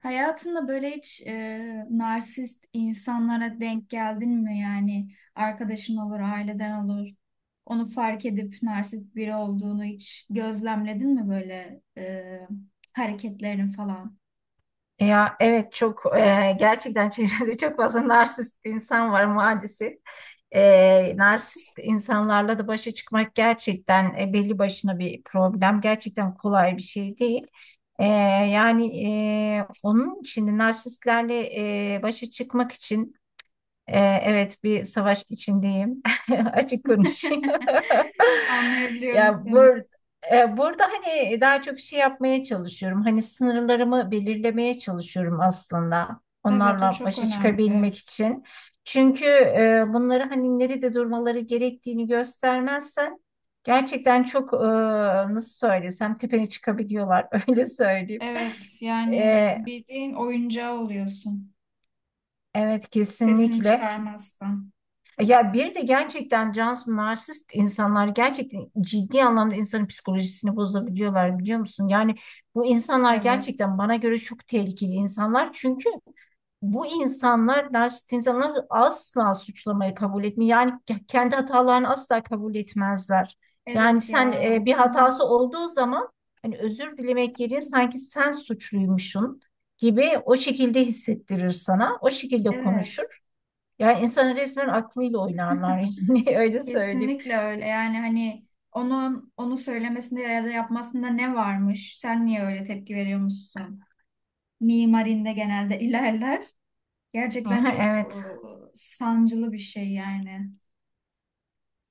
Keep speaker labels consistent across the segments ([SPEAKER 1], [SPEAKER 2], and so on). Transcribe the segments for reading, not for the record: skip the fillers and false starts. [SPEAKER 1] Hayatında böyle hiç narsist insanlara denk geldin mi? Yani arkadaşın olur, aileden olur. Onu fark edip narsist biri olduğunu hiç gözlemledin mi böyle hareketlerin falan?
[SPEAKER 2] Ya evet çok gerçekten çevrede çok fazla narsist insan var maalesef. Narsist insanlarla da başa çıkmak gerçekten belli başına bir problem. Gerçekten kolay bir şey değil. E, yani Onun için de narsistlerle başa çıkmak için. Evet, bir savaş içindeyim. Açık konuşayım.
[SPEAKER 1] Anlayabiliyorum
[SPEAKER 2] Ya
[SPEAKER 1] seni.
[SPEAKER 2] bur Burada hani daha çok şey yapmaya çalışıyorum. Hani sınırlarımı belirlemeye çalışıyorum aslında.
[SPEAKER 1] Evet, o
[SPEAKER 2] Onlarla
[SPEAKER 1] çok
[SPEAKER 2] başa
[SPEAKER 1] önemli.
[SPEAKER 2] çıkabilmek için. Çünkü bunları hani nerede durmaları gerektiğini göstermezsen gerçekten çok nasıl söylesem tepene çıkabiliyorlar öyle söyleyeyim.
[SPEAKER 1] Evet, yani
[SPEAKER 2] E,
[SPEAKER 1] bildiğin oyuncağı oluyorsun.
[SPEAKER 2] evet,
[SPEAKER 1] Sesini
[SPEAKER 2] kesinlikle.
[SPEAKER 1] çıkarmazsan.
[SPEAKER 2] Ya bir de gerçekten Cansu, narsist insanlar gerçekten ciddi anlamda insanın psikolojisini bozabiliyorlar, biliyor musun? Yani bu insanlar
[SPEAKER 1] Evet.
[SPEAKER 2] gerçekten bana göre çok tehlikeli insanlar. Çünkü bu insanlar, narsist insanlar asla suçlamayı kabul etmiyor. Yani kendi hatalarını asla kabul etmezler. Yani
[SPEAKER 1] Evet
[SPEAKER 2] sen,
[SPEAKER 1] ya o
[SPEAKER 2] bir
[SPEAKER 1] konu
[SPEAKER 2] hatası olduğu zaman hani özür dilemek yerine sanki sen suçluymuşsun gibi o şekilde hissettirir sana. O şekilde
[SPEAKER 1] evet.
[SPEAKER 2] konuşur. Yani insanın resmen aklıyla oynarlar yani öyle söyleyeyim.
[SPEAKER 1] Kesinlikle öyle. Yani hani onun söylemesinde ya da yapmasında ne varmış? Sen niye öyle tepki veriyormuşsun? Mimarinde genelde ilerler. Gerçekten
[SPEAKER 2] Aha,
[SPEAKER 1] çok
[SPEAKER 2] evet.
[SPEAKER 1] sancılı bir şey yani.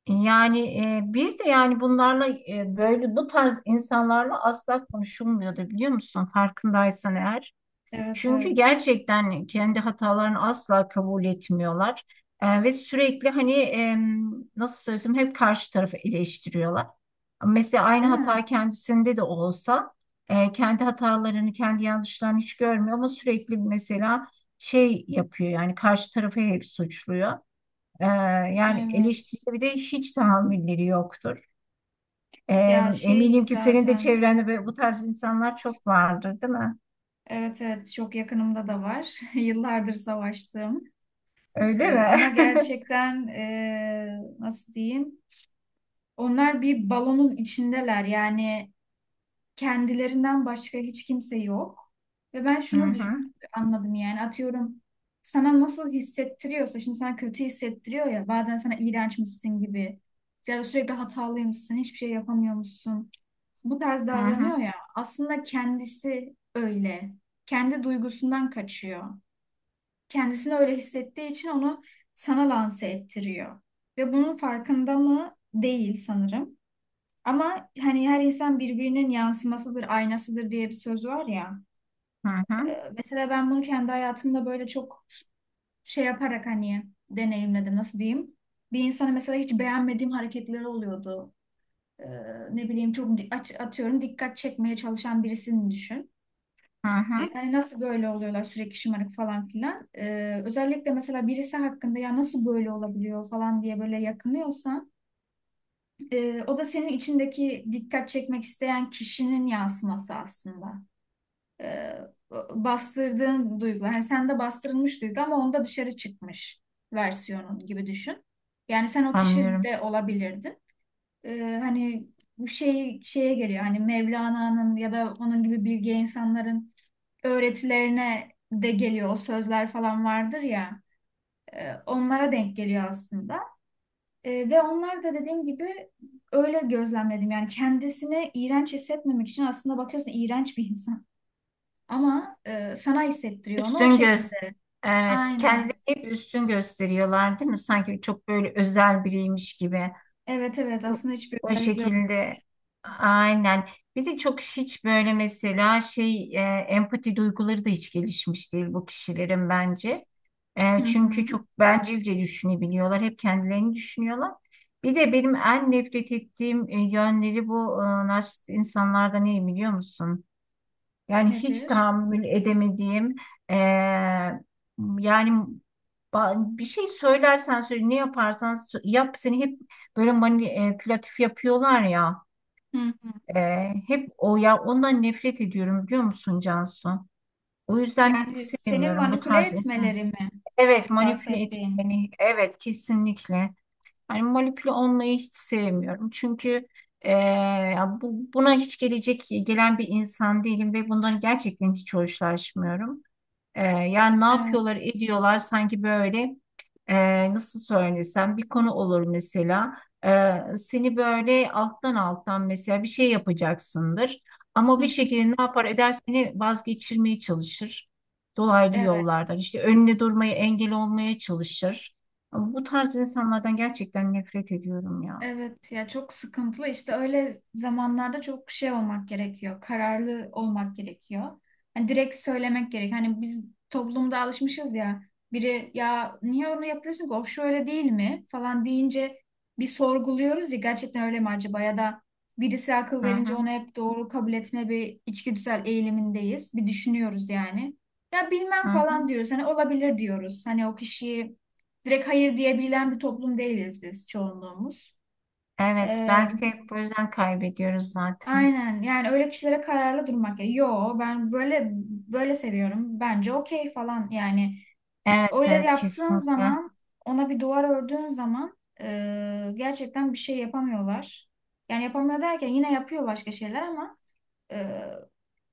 [SPEAKER 2] Yani bir de yani bunlarla böyle bu tarz insanlarla asla konuşulmuyordu, biliyor musun? Farkındaysan eğer.
[SPEAKER 1] Evet,
[SPEAKER 2] Çünkü
[SPEAKER 1] evet.
[SPEAKER 2] gerçekten kendi hatalarını asla kabul etmiyorlar. Ve sürekli hani nasıl söylesem, hep karşı tarafı eleştiriyorlar. Mesela aynı
[SPEAKER 1] Değil mi?
[SPEAKER 2] hata kendisinde de olsa kendi hatalarını, kendi yanlışlarını hiç görmüyor ama sürekli mesela şey yapıyor, yani karşı tarafı hep suçluyor. Ee, Yani
[SPEAKER 1] Evet.
[SPEAKER 2] eleştiriye bir de hiç tahammülleri yoktur. Ee,
[SPEAKER 1] Ya şey
[SPEAKER 2] Eminim ki senin de
[SPEAKER 1] zaten
[SPEAKER 2] çevrende böyle bu tarz insanlar çok vardır, değil mi?
[SPEAKER 1] evet, evet, çok yakınımda da var. Yıllardır savaştığım.
[SPEAKER 2] Öyle
[SPEAKER 1] Ama
[SPEAKER 2] mi?
[SPEAKER 1] gerçekten nasıl diyeyim? Onlar bir balonun içindeler. Yani kendilerinden başka hiç kimse yok. Ve ben
[SPEAKER 2] Hı hı.
[SPEAKER 1] anladım yani atıyorum, sana nasıl hissettiriyorsa şimdi sana kötü hissettiriyor ya, bazen sana iğrençmişsin gibi ya da sürekli hatalıymışsın, hiçbir şey yapamıyormuşsun. Bu tarz
[SPEAKER 2] Hı hı,
[SPEAKER 1] davranıyor ya, aslında kendisi öyle. Kendi duygusundan kaçıyor. Kendisini öyle hissettiği için onu sana lanse ettiriyor. Ve bunun farkında mı değil sanırım. Ama hani her insan birbirinin yansımasıdır, aynasıdır diye bir söz var ya.
[SPEAKER 2] hı hı,
[SPEAKER 1] Mesela ben bunu kendi hayatımda böyle çok şey yaparak hani deneyimledim, nasıl diyeyim. Bir insanı mesela hiç beğenmediğim hareketleri oluyordu. Ee, Ne bileyim çok atıyorum, dikkat çekmeye çalışan birisini düşün.
[SPEAKER 2] hı hı.
[SPEAKER 1] Hani nasıl böyle oluyorlar sürekli, şımarık falan filan. Özellikle mesela birisi hakkında ya nasıl böyle olabiliyor falan diye böyle yakınıyorsan o da senin içindeki dikkat çekmek isteyen kişinin yansıması aslında. e, Bastırdığın duygu. Hani sende bastırılmış duygu ama onda dışarı çıkmış versiyonu gibi düşün. Yani sen o kişi
[SPEAKER 2] Anlıyorum.
[SPEAKER 1] de olabilirdin. Hani bu şey şeye geliyor. Hani Mevlana'nın ya da onun gibi bilge insanların öğretilerine de geliyor. O sözler falan vardır ya. Onlara denk geliyor aslında. Ve onlar da dediğim gibi öyle gözlemledim. Yani kendisini iğrenç hissetmemek için aslında bakıyorsun iğrenç bir insan. Ama sana hissettiriyor onu o
[SPEAKER 2] Üstün göz.
[SPEAKER 1] şekilde.
[SPEAKER 2] Evet, kendileri
[SPEAKER 1] Aynen.
[SPEAKER 2] hep üstün gösteriyorlar, değil mi? Sanki çok böyle özel biriymiş gibi.
[SPEAKER 1] Evet, evet,
[SPEAKER 2] O,
[SPEAKER 1] aslında hiçbir
[SPEAKER 2] O
[SPEAKER 1] özellikleri yok.
[SPEAKER 2] şekilde. Aynen. Bir de çok hiç böyle mesela empati duyguları da hiç gelişmiş değil bu kişilerin bence.
[SPEAKER 1] Hı
[SPEAKER 2] Çünkü
[SPEAKER 1] hı.
[SPEAKER 2] çok bencilce düşünebiliyorlar. Hep kendilerini düşünüyorlar. Bir de benim en nefret ettiğim yönleri bu narsist insanlarda, ne biliyor musun? Yani hiç
[SPEAKER 1] Nedir?
[SPEAKER 2] tahammül edemediğim, eee, yani bir şey söylersen söyle, ne yaparsan yap, seni hep böyle manipülatif yapıyorlar ya.
[SPEAKER 1] Hı hı.
[SPEAKER 2] Hep o, ya ondan nefret ediyorum, biliyor musun Cansu? O yüzden hiç
[SPEAKER 1] Yani seni
[SPEAKER 2] sevmiyorum bu
[SPEAKER 1] manipüle
[SPEAKER 2] tarz insan.
[SPEAKER 1] etmeleri mi
[SPEAKER 2] Evet, manipüle
[SPEAKER 1] bahsettiğin?
[SPEAKER 2] etmeni, evet, kesinlikle. Hani molekül olmayı hiç sevmiyorum. Çünkü buna hiç gelen bir insan değilim ve bundan gerçekten hiç hoşlaşmıyorum. Yani ne
[SPEAKER 1] Evet.
[SPEAKER 2] yapıyorlar ediyorlar, sanki böyle nasıl söylesem, bir konu olur mesela. Seni böyle alttan alttan mesela bir şey yapacaksındır. Ama
[SPEAKER 1] Hı
[SPEAKER 2] bir
[SPEAKER 1] hı.
[SPEAKER 2] şekilde ne yapar eder seni vazgeçirmeye çalışır. Dolaylı
[SPEAKER 1] Evet.
[SPEAKER 2] yollardan işte önüne durmaya, engel olmaya çalışır. Bu tarz insanlardan gerçekten nefret ediyorum ya.
[SPEAKER 1] Evet ya, çok sıkıntılı işte öyle zamanlarda, çok şey olmak gerekiyor. Kararlı olmak gerekiyor. Hani direkt söylemek gerek. Hani biz toplumda alışmışız ya. Biri ya niye onu yapıyorsun ki? O şöyle değil mi? Falan deyince bir sorguluyoruz ya gerçekten öyle mi acaba, ya da birisi akıl
[SPEAKER 2] Hı
[SPEAKER 1] verince
[SPEAKER 2] hı,
[SPEAKER 1] onu hep doğru kabul etme bir içgüdüsel eğilimindeyiz. Bir düşünüyoruz yani. Ya
[SPEAKER 2] hı
[SPEAKER 1] bilmem
[SPEAKER 2] hı.
[SPEAKER 1] falan diyoruz. Hani olabilir diyoruz. Hani o kişiyi direkt hayır diyebilen bir toplum değiliz biz, çoğunluğumuz.
[SPEAKER 2] Evet,
[SPEAKER 1] Ee,
[SPEAKER 2] belki de bu yüzden kaybediyoruz zaten.
[SPEAKER 1] aynen yani, öyle kişilere kararlı durmak gerekiyor. Yo ben böyle böyle seviyorum. Bence okey falan yani.
[SPEAKER 2] Evet
[SPEAKER 1] Öyle
[SPEAKER 2] evet,
[SPEAKER 1] yaptığın
[SPEAKER 2] kesinlikle.
[SPEAKER 1] zaman, ona bir duvar ördüğün zaman gerçekten bir şey yapamıyorlar. Yani yapamıyor derken yine yapıyor başka şeyler ama e,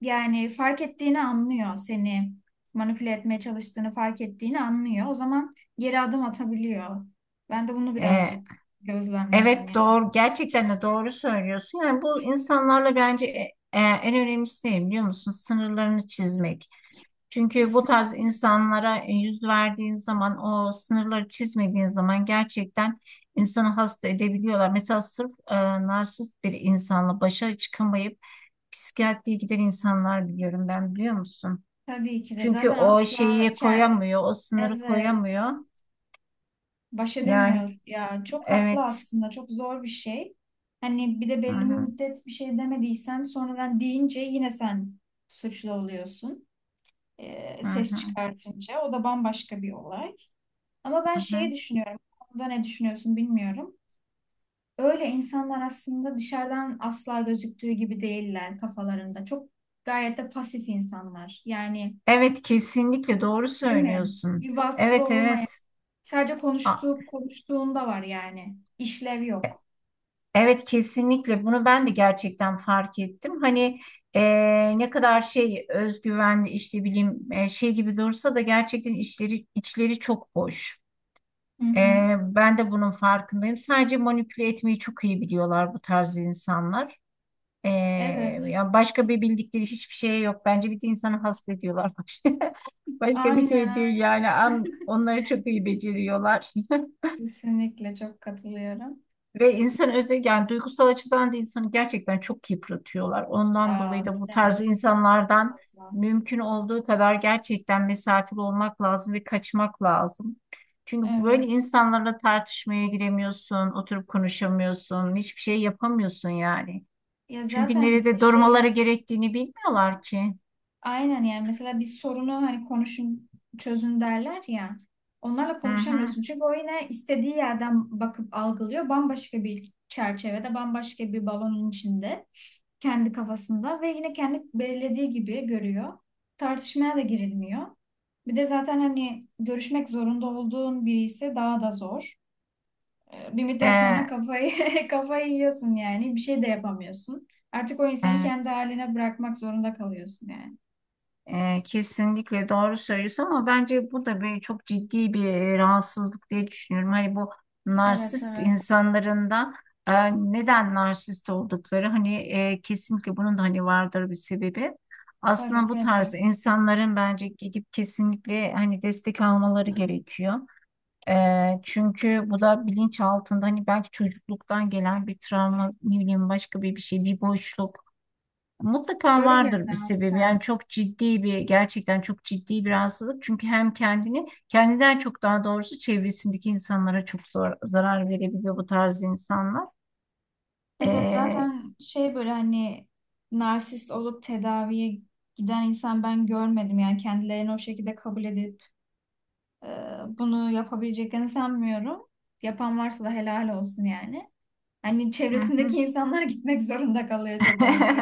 [SPEAKER 1] yani fark ettiğini anlıyor, seni manipüle etmeye çalıştığını fark ettiğini anlıyor. O zaman geri adım atabiliyor. Ben de bunu
[SPEAKER 2] Ee,
[SPEAKER 1] birazcık gözlemledim
[SPEAKER 2] Evet,
[SPEAKER 1] yani.
[SPEAKER 2] doğru, gerçekten de doğru söylüyorsun. Yani bu insanlarla bence en önemlisi ne biliyor musun? Sınırlarını çizmek. Çünkü bu
[SPEAKER 1] Kesin.
[SPEAKER 2] tarz insanlara yüz verdiğin zaman, o sınırları çizmediğin zaman gerçekten insanı hasta edebiliyorlar. Mesela sırf narsist bir insanla başa çıkamayıp psikiyatriye giden insanlar biliyorum ben, biliyor musun?
[SPEAKER 1] Tabii ki de
[SPEAKER 2] Çünkü
[SPEAKER 1] zaten
[SPEAKER 2] o şeyi koyamıyor, o sınırı
[SPEAKER 1] evet,
[SPEAKER 2] koyamıyor.
[SPEAKER 1] baş
[SPEAKER 2] Yani
[SPEAKER 1] edemiyor ya, çok haklı,
[SPEAKER 2] evet.
[SPEAKER 1] aslında çok zor bir şey. Hani bir de
[SPEAKER 2] Hı
[SPEAKER 1] belli bir
[SPEAKER 2] hı,
[SPEAKER 1] müddet bir şey demediysen, sonradan deyince yine sen suçlu oluyorsun.
[SPEAKER 2] hı
[SPEAKER 1] Ses
[SPEAKER 2] hı,
[SPEAKER 1] çıkartınca o da bambaşka bir olay. Ama ben
[SPEAKER 2] hı
[SPEAKER 1] şeyi
[SPEAKER 2] hı.
[SPEAKER 1] düşünüyorum. Bu konuda ne düşünüyorsun bilmiyorum. Öyle insanlar aslında dışarıdan asla gözüktüğü gibi değiller kafalarında. Çok gayet de pasif insanlar. Yani
[SPEAKER 2] Evet, kesinlikle doğru
[SPEAKER 1] değil mi?
[SPEAKER 2] söylüyorsun.
[SPEAKER 1] Bir vasfı
[SPEAKER 2] Evet
[SPEAKER 1] olmayan.
[SPEAKER 2] evet.
[SPEAKER 1] Sadece
[SPEAKER 2] A-
[SPEAKER 1] konuştuğu, konuştuğunda var yani. İşlev
[SPEAKER 2] e,
[SPEAKER 1] yok.
[SPEAKER 2] Evet, kesinlikle bunu ben de gerçekten fark ettim. Hani e, ne kadar şey, özgüvenli işte bileyim şey gibi dursa da gerçekten işleri, içleri çok boş.
[SPEAKER 1] Hı
[SPEAKER 2] E,
[SPEAKER 1] hı.
[SPEAKER 2] Ben de bunun farkındayım. Sadece manipüle etmeyi çok iyi biliyorlar bu tarz insanlar. E,
[SPEAKER 1] Evet.
[SPEAKER 2] Ya başka bir bildikleri hiçbir şey yok. Bence bir de insanı hasta ediyorlar.
[SPEAKER 1] Aynen,
[SPEAKER 2] Başka bir şey
[SPEAKER 1] aynen.
[SPEAKER 2] değil yani. Onları çok iyi beceriyorlar.
[SPEAKER 1] Kesinlikle çok katılıyorum.
[SPEAKER 2] Ve insan özel, yani duygusal açıdan da insanı gerçekten çok yıpratıyorlar. Ondan
[SPEAKER 1] Ya
[SPEAKER 2] dolayı
[SPEAKER 1] ne
[SPEAKER 2] da bu tarz
[SPEAKER 1] demezsin, çok
[SPEAKER 2] insanlardan
[SPEAKER 1] fazla.
[SPEAKER 2] mümkün olduğu kadar gerçekten mesafeli olmak lazım ve kaçmak lazım. Çünkü böyle
[SPEAKER 1] Evet.
[SPEAKER 2] insanlarla tartışmaya giremiyorsun, oturup konuşamıyorsun, hiçbir şey yapamıyorsun yani.
[SPEAKER 1] Ya
[SPEAKER 2] Çünkü
[SPEAKER 1] zaten bir de
[SPEAKER 2] nerede
[SPEAKER 1] şey
[SPEAKER 2] durmaları
[SPEAKER 1] hani,
[SPEAKER 2] gerektiğini bilmiyorlar ki.
[SPEAKER 1] aynen yani, mesela bir sorunu hani konuşun çözün derler ya. Onlarla
[SPEAKER 2] Hı hı.
[SPEAKER 1] konuşamıyorsun. Çünkü o yine istediği yerden bakıp algılıyor. Bambaşka bir çerçevede, bambaşka bir balonun içinde, kendi kafasında ve yine kendi belirlediği gibi görüyor. Tartışmaya da girilmiyor. Bir de zaten hani görüşmek zorunda olduğun biri ise daha da zor. Bir müddet sonra
[SPEAKER 2] Ee,
[SPEAKER 1] kafayı yiyorsun yani. Bir şey de yapamıyorsun. Artık o insanı
[SPEAKER 2] evet.
[SPEAKER 1] kendi haline bırakmak zorunda kalıyorsun yani.
[SPEAKER 2] Kesinlikle doğru söylüyorsun ama bence bu da bir çok ciddi bir rahatsızlık diye düşünüyorum. Hani bu
[SPEAKER 1] Evet,
[SPEAKER 2] narsist
[SPEAKER 1] evet.
[SPEAKER 2] insanların da e, neden narsist oldukları hani, kesinlikle bunun da hani vardır bir sebebi.
[SPEAKER 1] Tabii,
[SPEAKER 2] Aslında bu
[SPEAKER 1] tabii.
[SPEAKER 2] tarz insanların bence gidip kesinlikle hani destek almaları gerekiyor. E, Çünkü bu da bilinç altında hani belki çocukluktan gelen bir travma, ne bileyim, başka bir şey, bir boşluk. Mutlaka
[SPEAKER 1] Öyle
[SPEAKER 2] vardır bir sebebi.
[SPEAKER 1] zaten.
[SPEAKER 2] Yani çok ciddi bir, gerçekten çok ciddi bir rahatsızlık. Çünkü hem kendini, kendinden çok daha doğrusu çevresindeki insanlara çok zor, zarar verebiliyor bu tarz insanlar.
[SPEAKER 1] Evet,
[SPEAKER 2] Ee,
[SPEAKER 1] zaten şey böyle hani narsist olup tedaviye giden insan ben görmedim yani, kendilerini o şekilde kabul edip Ee, bunu yapabileceklerini sanmıyorum. Yapan varsa da helal olsun yani. Hani
[SPEAKER 2] hı
[SPEAKER 1] çevresindeki
[SPEAKER 2] hı.
[SPEAKER 1] insanlar gitmek zorunda kalıyor tedaviye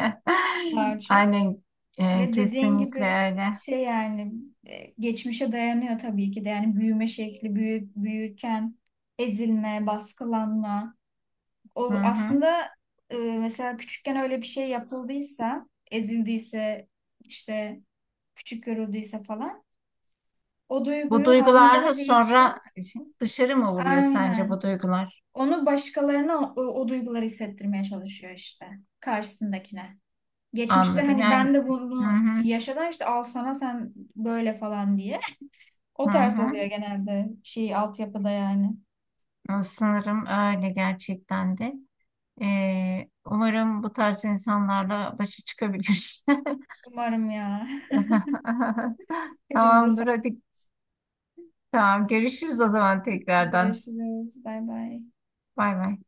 [SPEAKER 1] daha çok.
[SPEAKER 2] Aynen,
[SPEAKER 1] Ve dediğin
[SPEAKER 2] kesinlikle
[SPEAKER 1] gibi
[SPEAKER 2] öyle.
[SPEAKER 1] şey yani, geçmişe dayanıyor tabii ki de, yani büyüme şekli, büyürken ezilme, baskılanma.
[SPEAKER 2] Hı
[SPEAKER 1] O
[SPEAKER 2] hı.
[SPEAKER 1] aslında, mesela küçükken öyle bir şey yapıldıysa, ezildiyse, işte küçük görüldüyse falan, o
[SPEAKER 2] Bu
[SPEAKER 1] duyguyu
[SPEAKER 2] duygular
[SPEAKER 1] hazmedemediği için,
[SPEAKER 2] sonra dışarı mı vuruyor sence, bu
[SPEAKER 1] aynen.
[SPEAKER 2] duygular?
[SPEAKER 1] Onu başkalarına o duyguları hissettirmeye çalışıyor işte karşısındakine. Geçmişte
[SPEAKER 2] Anladım.
[SPEAKER 1] hani
[SPEAKER 2] Yani
[SPEAKER 1] ben de
[SPEAKER 2] hı
[SPEAKER 1] bunu
[SPEAKER 2] hı,
[SPEAKER 1] yaşadım işte, al sana sen böyle falan diye.
[SPEAKER 2] hı
[SPEAKER 1] O tarz oluyor
[SPEAKER 2] hı.
[SPEAKER 1] genelde, şey altyapıda yani.
[SPEAKER 2] Sanırım öyle gerçekten de. Umarım bu tarz insanlarla başa çıkabiliriz.
[SPEAKER 1] Umarım ya. Hepimize
[SPEAKER 2] Tamamdır
[SPEAKER 1] sağlık.
[SPEAKER 2] hadi. Tamam, görüşürüz o zaman tekrardan.
[SPEAKER 1] Görüşürüz. Bay bay.
[SPEAKER 2] Bay bay.